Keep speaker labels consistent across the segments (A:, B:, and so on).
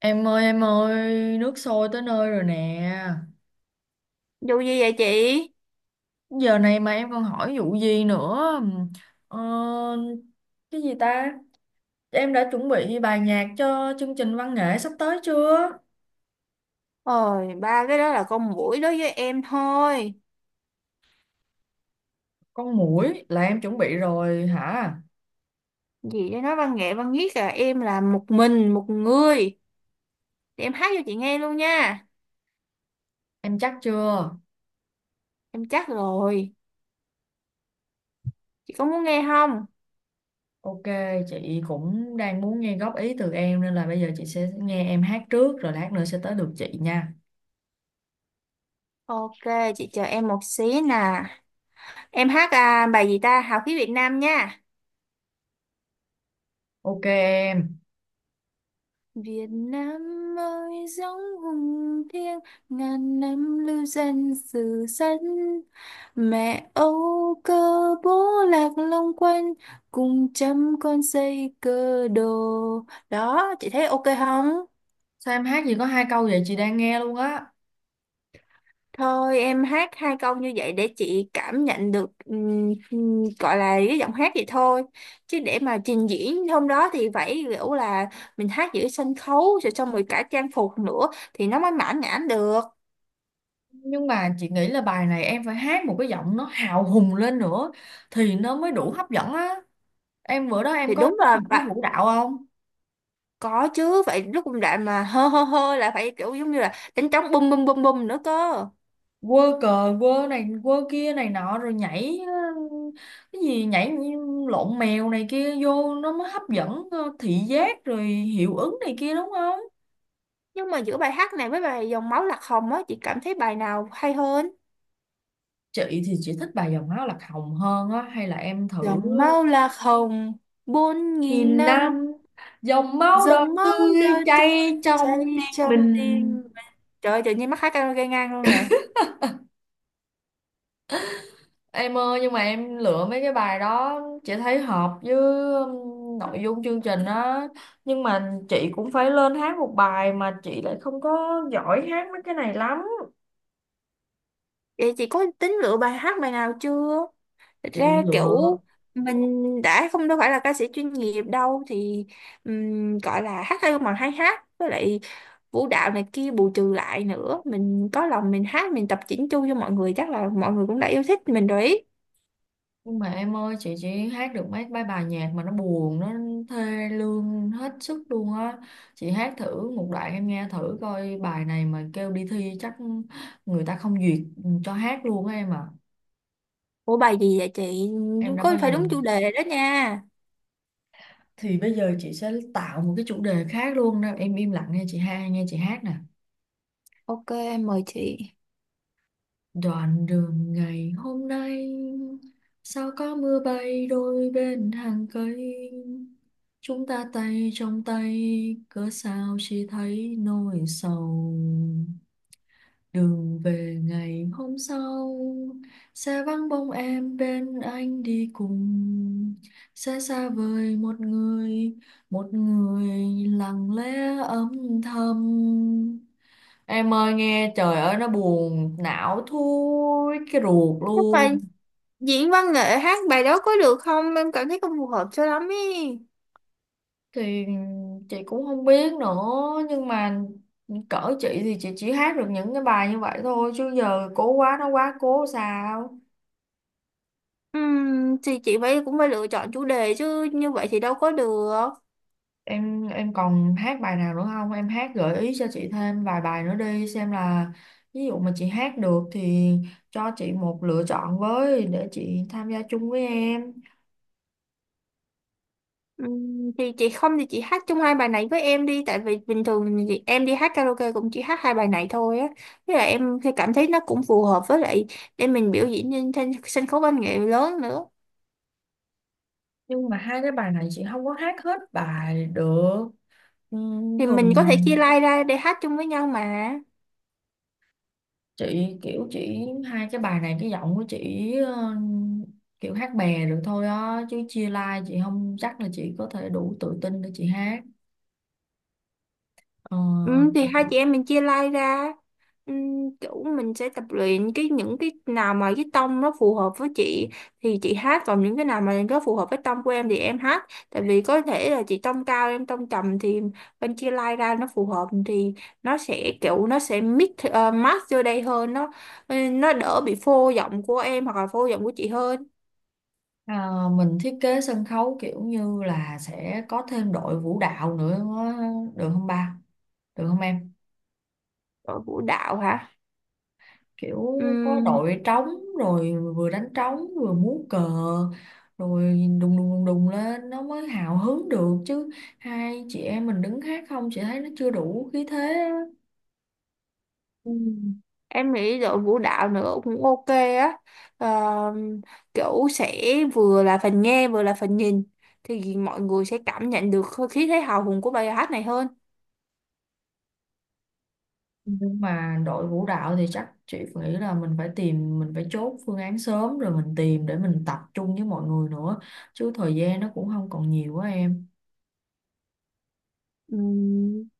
A: Em ơi, nước sôi tới nơi rồi nè.
B: Dù gì vậy chị?
A: Giờ này mà em còn hỏi vụ gì nữa? Ờ, cái gì ta? Em đã chuẩn bị bài nhạc cho chương trình văn nghệ sắp tới chưa?
B: Ôi, ba cái đó là con muỗi đối với em thôi.
A: Con muỗi là em chuẩn bị rồi hả?
B: Gì để nói văn nghệ văn viết là em là một mình, một người. Thì em hát cho chị nghe luôn nha.
A: Em chắc chưa?
B: Em chắc rồi. Chị có muốn nghe không?
A: Ok, chị cũng đang muốn nghe góp ý từ em nên là bây giờ chị sẽ nghe em hát trước rồi lát nữa sẽ tới được chị nha.
B: Ok, chị chờ em một xí nè. Em hát à, bài gì ta? Hào khí Việt Nam nha.
A: Ok em.
B: Việt Nam ơi giống hùng thiêng ngàn năm lưu danh sử sách, mẹ Âu cơ, bố lạc long quân, cùng trăm con xây cơ đồ. Đó chị thấy ok không?
A: Sao em hát gì có hai câu vậy chị đang nghe luôn á.
B: Thôi em hát hai câu như vậy để chị cảm nhận được gọi là cái giọng hát vậy thôi, chứ để mà trình diễn hôm đó thì phải kiểu là mình hát giữa sân khấu rồi xong rồi cả trang phục nữa thì nó mới mãn nhãn được.
A: Nhưng mà chị nghĩ là bài này em phải hát một cái giọng nó hào hùng lên nữa thì nó mới đủ hấp dẫn á. Em bữa đó em
B: Thì
A: có
B: đúng
A: kết
B: là
A: hợp với
B: bạn,
A: vũ đạo không?
B: có chứ, vậy lúc công đoạn mà hơ hơ hơ là phải kiểu giống như là đánh trống bum bum bum bum nữa cơ.
A: Quơ cờ quơ này quơ kia này nọ rồi nhảy cái gì nhảy như lộn mèo này kia vô nó mới hấp dẫn thị giác rồi hiệu ứng này kia đúng không?
B: Nhưng mà giữa bài hát này với bài dòng máu lạc hồng á chị cảm thấy bài nào hay hơn?
A: Chị thì chị thích bài Dòng máu lạc hồng hơn á, hay là em thử.
B: Dòng máu lạc hồng bốn nghìn
A: Nghìn
B: năm,
A: năm, dòng máu đỏ
B: dòng máu
A: tươi
B: đời trơ
A: chảy trong
B: chảy
A: tim
B: trong
A: mình.
B: tim mình. Trời ơi, tự nhiên mắc hát karaoke ngang luôn nè.
A: Em ơi, nhưng mà em lựa mấy cái bài đó chị thấy hợp với nội dung chương trình á. Nhưng mà chị cũng phải lên hát một bài mà chị lại không có giỏi hát mấy cái này lắm.
B: Vậy chị có tính lựa bài hát bài nào chưa? Thật
A: Chị
B: ra
A: lựa.
B: kiểu mình đã không đâu phải là ca sĩ chuyên nghiệp đâu thì gọi là hát hay mà hay hát, với lại vũ đạo này kia bù trừ lại nữa, mình có lòng mình hát mình tập chỉnh chu cho mọi người chắc là mọi người cũng đã yêu thích mình rồi ý.
A: Nhưng mà em ơi, chị chỉ hát được mấy mấy bài nhạc mà nó buồn, nó thê lương hết sức luôn á. Chị hát thử một đoạn em nghe thử coi, bài này mà kêu đi thi chắc người ta không duyệt cho hát luôn á em à.
B: Ủa bài gì vậy chị?
A: Em đã
B: Có
A: bao
B: phải
A: giờ.
B: đúng chủ đề đó nha.
A: Thì bây giờ chị sẽ tạo một cái chủ đề khác luôn đó em, im lặng nghe chị ha, nghe chị hát nè.
B: Ok, em mời chị.
A: Đoạn đường ngày hôm nay sao có mưa bay đôi bên hàng cây, chúng ta tay trong tay, cớ sao chỉ thấy nỗi sầu. Đường về ngày hôm sau sẽ vắng bóng em bên anh đi cùng, sẽ xa vời một người, một người lặng lẽ âm thầm. Em ơi nghe, trời ơi, nó buồn não thui cái ruột
B: Chắc là
A: luôn.
B: diễn văn nghệ hát bài đó có được không, em cảm thấy không phù hợp cho lắm ý.
A: Thì chị cũng không biết nữa. Nhưng mà cỡ chị thì chị chỉ hát được những cái bài như vậy thôi. Chứ giờ cố quá nó quá cố sao.
B: Thì chị phải cũng phải lựa chọn chủ đề chứ, như vậy thì đâu có được.
A: Em còn hát bài nào nữa không? Em hát gợi ý cho chị thêm vài bài nữa đi. Xem là ví dụ mà chị hát được thì cho chị một lựa chọn với. Để chị tham gia chung với em.
B: Thì chị không thì chị hát chung hai bài này với em đi, tại vì bình thường thì em đi hát karaoke cũng chỉ hát hai bài này thôi á, với lại em thì cảm thấy nó cũng phù hợp, với lại để mình biểu diễn trên sân khấu văn nghệ lớn nữa
A: Nhưng mà hai cái bài này chị không có hát hết bài được. Ừ,
B: thì mình
A: thường là
B: có thể chia line ra để hát chung với nhau mà.
A: chị kiểu chỉ hai cái bài này cái giọng của chị kiểu hát bè được thôi á, chứ chia live chị không chắc là chị có thể đủ tự tin để chị hát. Ờ,
B: Ừ, thì hai chị em mình chia like ra, ừ, kiểu mình sẽ tập luyện cái những cái nào mà cái tông nó phù hợp với chị thì chị hát, còn những cái nào mà nó phù hợp với tông của em thì em hát, tại vì có thể là chị tông cao em tông trầm thì bên chia like ra nó phù hợp thì nó sẽ kiểu nó sẽ mix match vô đây hơn, nó ừ, nó đỡ bị phô giọng của em hoặc là phô giọng của chị hơn.
A: à, mình thiết kế sân khấu kiểu như là sẽ có thêm đội vũ đạo nữa, được không ba, được không em?
B: Ở vũ đạo hả?
A: Kiểu có đội trống, rồi vừa đánh trống vừa múa cờ, rồi đùng đùng đùng đùng lên nó mới hào hứng được chứ, hai chị em mình đứng hát không chị thấy nó chưa đủ khí thế á.
B: Ừ. Em nghĩ đội vũ đạo nữa cũng ok á. Ờ, kiểu sẽ vừa là phần nghe vừa là phần nhìn thì mọi người sẽ cảm nhận được hơi khí thế hào hùng của bài hát này hơn.
A: Nhưng mà đội vũ đạo thì chắc chị nghĩ là mình phải tìm, mình phải chốt phương án sớm rồi mình tìm để mình tập trung với mọi người nữa, chứ thời gian nó cũng không còn nhiều quá em.
B: Ừ,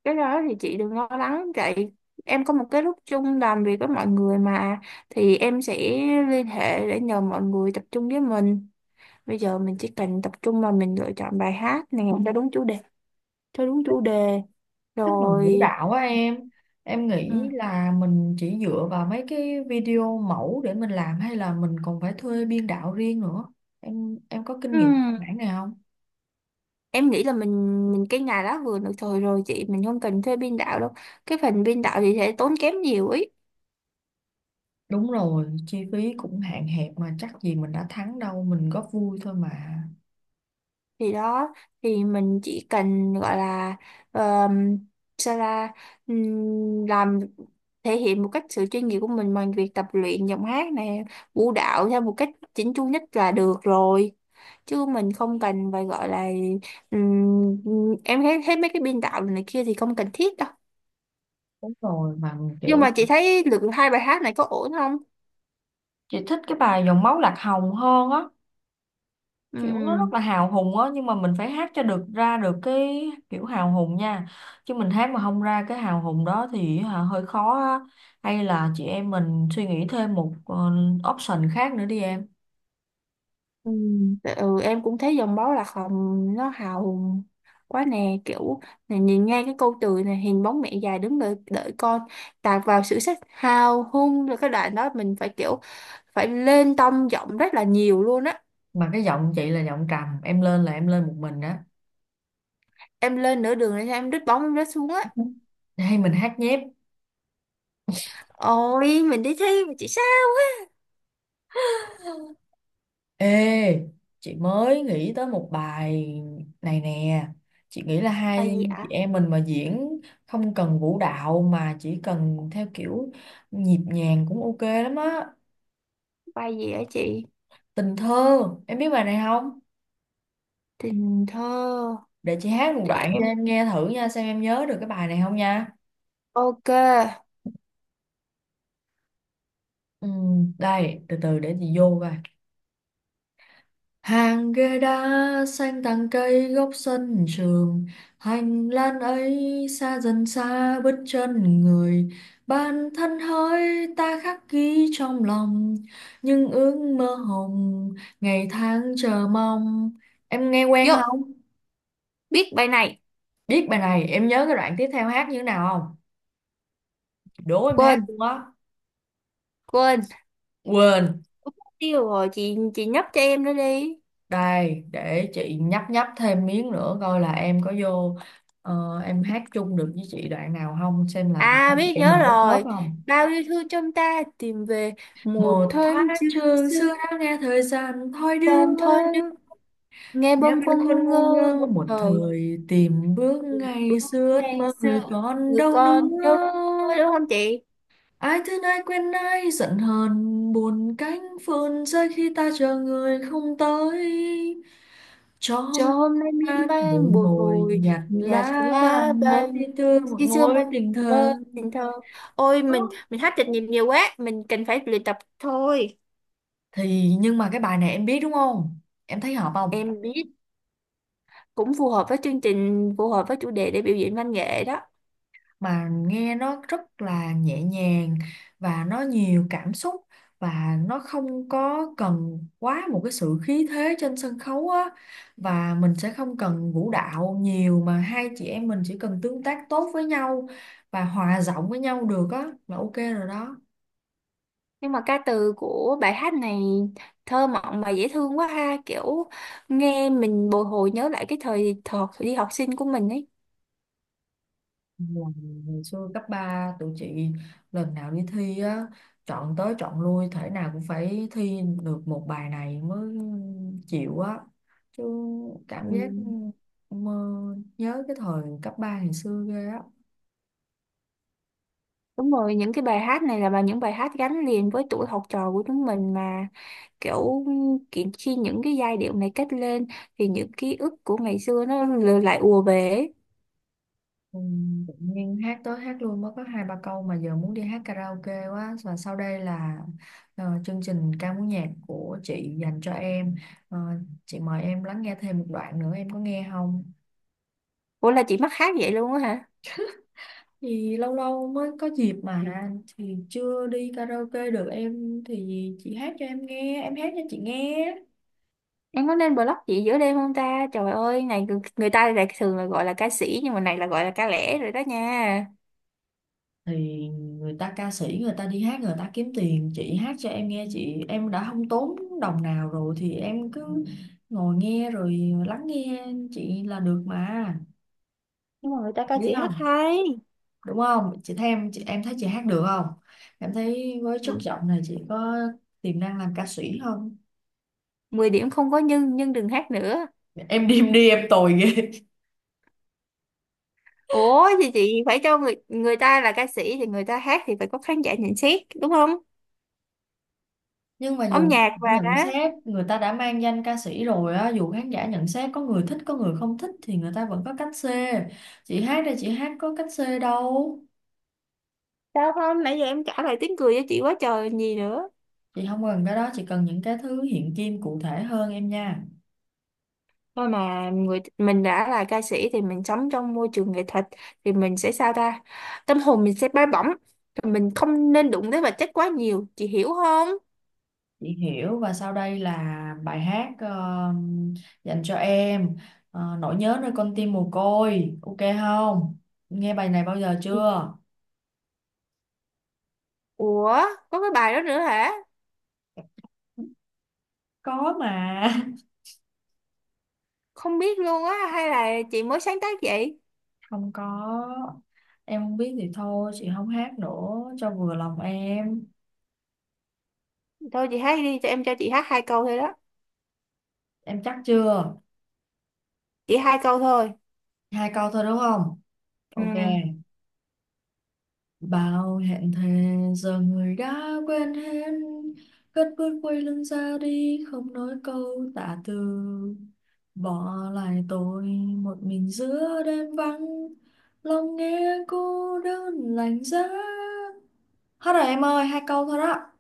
B: cái đó thì chị đừng lo lắng vậy, em có một cái lúc chung làm việc với mọi người mà, thì em sẽ liên hệ để nhờ mọi người tập trung với mình. Bây giờ mình chỉ cần tập trung mà mình lựa chọn bài hát này cho đúng chủ đề
A: Tức là vũ
B: rồi
A: đạo á em. Em
B: ừ.
A: nghĩ là mình chỉ dựa vào mấy cái video mẫu để mình làm hay là mình còn phải thuê biên đạo riêng nữa? Em có kinh
B: Ừ.
A: nghiệm mảng này không?
B: Em nghĩ là mình cái ngày đó vừa được thời rồi chị, mình không cần thuê biên đạo đâu, cái phần biên đạo thì sẽ tốn kém nhiều ấy.
A: Đúng rồi, chi phí cũng hạn hẹp mà chắc gì mình đã thắng đâu, mình góp vui thôi mà.
B: Thì đó, thì mình chỉ cần gọi là um, sao ra làm, thể hiện một cách sự chuyên nghiệp của mình bằng việc tập luyện giọng hát này, vũ đạo theo một cách chỉnh chu nhất là được rồi, chứ mình không cần phải gọi là em thấy thấy mấy cái biên đạo này kia thì không cần thiết đâu.
A: Đúng rồi, mà
B: Nhưng
A: kiểu
B: mà chị thấy lượt hai bài hát này có ổn không?
A: chị thích cái bài Dòng máu lạc hồng hơn á. Kiểu nó rất
B: Ừm.
A: là hào hùng á, nhưng mà mình phải hát cho được, ra được cái kiểu hào hùng nha, chứ mình hát mà không ra cái hào hùng đó thì hả, hơi khó á. Hay là chị em mình suy nghĩ thêm một option khác nữa đi em.
B: Ừ, em cũng thấy dòng máu lạc hồng nó hào hùng quá nè, kiểu này, nhìn ngay cái câu từ này hình bóng mẹ già đứng đợi đợi con, tạt vào sự sắc hào hung rồi cái đoạn đó mình phải kiểu phải lên tông giọng rất là nhiều luôn á.
A: Mà cái giọng chị là giọng trầm, em lên là em lên một mình đó.
B: Em lên nửa đường là em đứt bóng em rớt xuống á.
A: Hay mình hát nhép.
B: Ôi mình đi thi mà chị sao?
A: Ê, chị mới nghĩ tới một bài này nè. Chị nghĩ là
B: Bài
A: hai
B: gì
A: chị
B: ạ?
A: em mình mà diễn không cần vũ đạo mà chỉ cần theo kiểu nhịp nhàng cũng ok lắm á.
B: Bài gì ạ chị?
A: Tình thơ, em biết bài này không?
B: Tình thơ.
A: Để chị hát một
B: Để
A: đoạn
B: em
A: cho em nghe thử nha, xem em nhớ được cái bài này không nha.
B: ok
A: Ừ, đây, từ từ để chị vô coi. Hàng ghế đá xanh tàng cây góc sân trường, hành lang ấy xa dần xa bước chân người. Bản thân hỡi ta khắc ghi trong lòng những ước mơ hồng, ngày tháng chờ mong. Em nghe quen
B: vô,
A: không?
B: biết bài này.
A: Biết bài này, em nhớ cái đoạn tiếp theo hát như thế nào không? Đố em hát
B: Quên,
A: luôn á.
B: quên
A: Quên.
B: mất tiêu rồi chị nhấp cho em nữa đi.
A: Đây, để chị nhấp nhấp thêm miếng nữa coi là em có vô em hát chung được với chị đoạn nào không, xem là
B: À
A: hai chị
B: biết
A: em
B: nhớ
A: mình có khớp
B: rồi.
A: không.
B: Bao yêu thương trong ta tìm về. Một
A: Một
B: thoáng
A: thoáng
B: chư
A: trường
B: xưa
A: xưa đã nghe thời gian thoi đưa,
B: tam thôi đức. Nghe
A: nghe
B: bâng
A: bên
B: khuâng ngu
A: khuôn ngu
B: ngơ
A: ngơ
B: một
A: một
B: thời.
A: thời, tìm bước
B: Bước
A: ngày xưa ước
B: ngày
A: mơ
B: xưa
A: người còn
B: người
A: đâu
B: con đâu,
A: nữa.
B: thôi đúng không chị?
A: Ai thương ai quen ai giận hờn, buồn cánh phơn rơi khi ta chờ người không tới, cho hôm
B: Cho hôm nay miên
A: an mỗi
B: man bồi
A: ngồi
B: hồi,
A: nhặt
B: nhạt
A: lá
B: lá
A: vàng mới
B: vàng
A: đi tươi
B: rơi,
A: một
B: khi xưa
A: ngôi
B: mơ
A: tình
B: mơ
A: thân.
B: tình thơ. Ôi mình hát chạch nhịp nhiều quá, mình cần phải luyện tập thôi.
A: Thì nhưng mà cái bài này em biết đúng không, em thấy hợp không?
B: Em biết, cũng phù hợp với chương trình, phù hợp với chủ đề để biểu diễn văn nghệ đó.
A: Mà nghe nó rất là nhẹ nhàng và nó nhiều cảm xúc, và nó không có cần quá một cái sự khí thế trên sân khấu á, và mình sẽ không cần vũ đạo nhiều mà hai chị em mình chỉ cần tương tác tốt với nhau và hòa giọng với nhau được á là ok rồi đó.
B: Nhưng mà ca từ của bài hát này thơ mộng mà dễ thương quá ha, kiểu nghe mình bồi hồi nhớ lại cái thời thời đi học sinh của mình ấy.
A: Là ngày xưa cấp 3 tụi chị, lần nào đi thi á, chọn tới chọn lui thể nào cũng phải thi được một bài này mới chịu á, chứ
B: Ừ.
A: cảm giác mơ, nhớ cái thời cấp 3 ngày xưa ghê á.
B: Đúng rồi, những cái bài hát này là những bài hát gắn liền với tuổi học trò của chúng mình mà, kiểu kiện khi những cái giai điệu này kết lên thì những ký ức của ngày xưa nó lại ùa về ấy.
A: Ừ, tự nhiên hát tới hát luôn mới có hai ba câu mà giờ muốn đi hát karaoke quá, và sau đây là chương trình ca múa nhạc của chị dành cho em. Ờ, chị mời em lắng nghe thêm một đoạn nữa, em có nghe không?
B: Ủa là chị mắc hát vậy luôn á hả?
A: Thì lâu lâu mới có dịp mà, thì chưa đi karaoke được em thì chị hát cho em nghe, em hát cho chị nghe.
B: Em có nên blog chị giữa đêm không ta? Trời ơi, này người người ta lại thường là gọi là ca sĩ, nhưng mà này là gọi là ca lẻ rồi đó nha.
A: Thì người ta ca sĩ người ta đi hát người ta kiếm tiền, chị hát cho em nghe chị em đã không tốn đồng nào rồi thì em cứ ngồi nghe rồi lắng nghe chị là được mà.
B: Nhưng mà người ta ca
A: Biết
B: sĩ hát
A: không,
B: hay.
A: đúng không chị, thấy em chị em thấy chị hát được không, em thấy với chất
B: Ừ.
A: giọng này chị có tiềm năng làm ca sĩ không?
B: Mười điểm không có, nhưng đừng hát nữa.
A: Em đi em đi em tồi ghê.
B: Ủa thì chị phải cho người người ta là ca sĩ thì người ta hát thì phải có khán giả nhận xét đúng không?
A: Nhưng mà
B: Âm
A: dù
B: nhạc
A: khán giả
B: và
A: nhận xét, người ta đã mang danh ca sĩ rồi á, dù khán giả nhận xét có người thích có người không thích thì người ta vẫn có cách xê, chị hát đây chị hát có cách xê đâu.
B: sao không, nãy giờ em trả lời tiếng cười cho chị quá trời còn gì nữa.
A: Chị không cần cái đó, chị cần những cái thứ hiện kim cụ thể hơn em nha.
B: Thôi mà, người mình đã là ca sĩ thì mình sống trong môi trường nghệ thuật thì mình sẽ sao ta, tâm hồn mình sẽ bay bổng. Thì mình không nên đụng tới vật chất quá nhiều, chị hiểu không?
A: Chị hiểu, và sau đây là bài hát dành cho em. Nỗi nhớ nơi con tim mồ côi, ok không, nghe bài này bao giờ chưa?
B: Ủa có cái bài đó nữa hả?
A: Có mà
B: Không biết luôn á, hay là chị mới sáng tác vậy?
A: không có, em không biết thì thôi chị không hát nữa cho vừa lòng em.
B: Thôi chị hát đi, cho em cho chị hát hai câu thôi đó.
A: Em chắc chưa?
B: Chỉ hai câu thôi.
A: Hai câu thôi đúng không?
B: Ừ.
A: Ok. Bao hẹn thề giờ người đã quên hết, cất bước quay lưng ra đi không nói câu tạ từ, bỏ lại tôi một mình giữa đêm vắng, lòng nghe cô đơn lạnh giá. Hết rồi em ơi, hai câu thôi đó.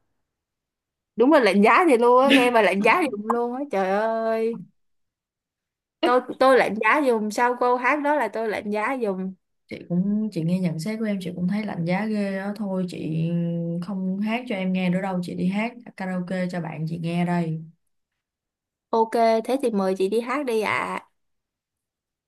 B: Đúng là lạnh giá thì luôn á, nghe mà lạnh giá dùm luôn á trời ơi. Tôi lạnh giá dùm, sau câu hát đó là tôi lạnh giá dùm.
A: Chị nghe nhận xét của em chị cũng thấy lạnh giá ghê đó, thôi chị không hát cho em nghe nữa đâu, chị đi hát karaoke cho bạn chị nghe đây.
B: Ok, thế thì mời chị đi hát đi ạ.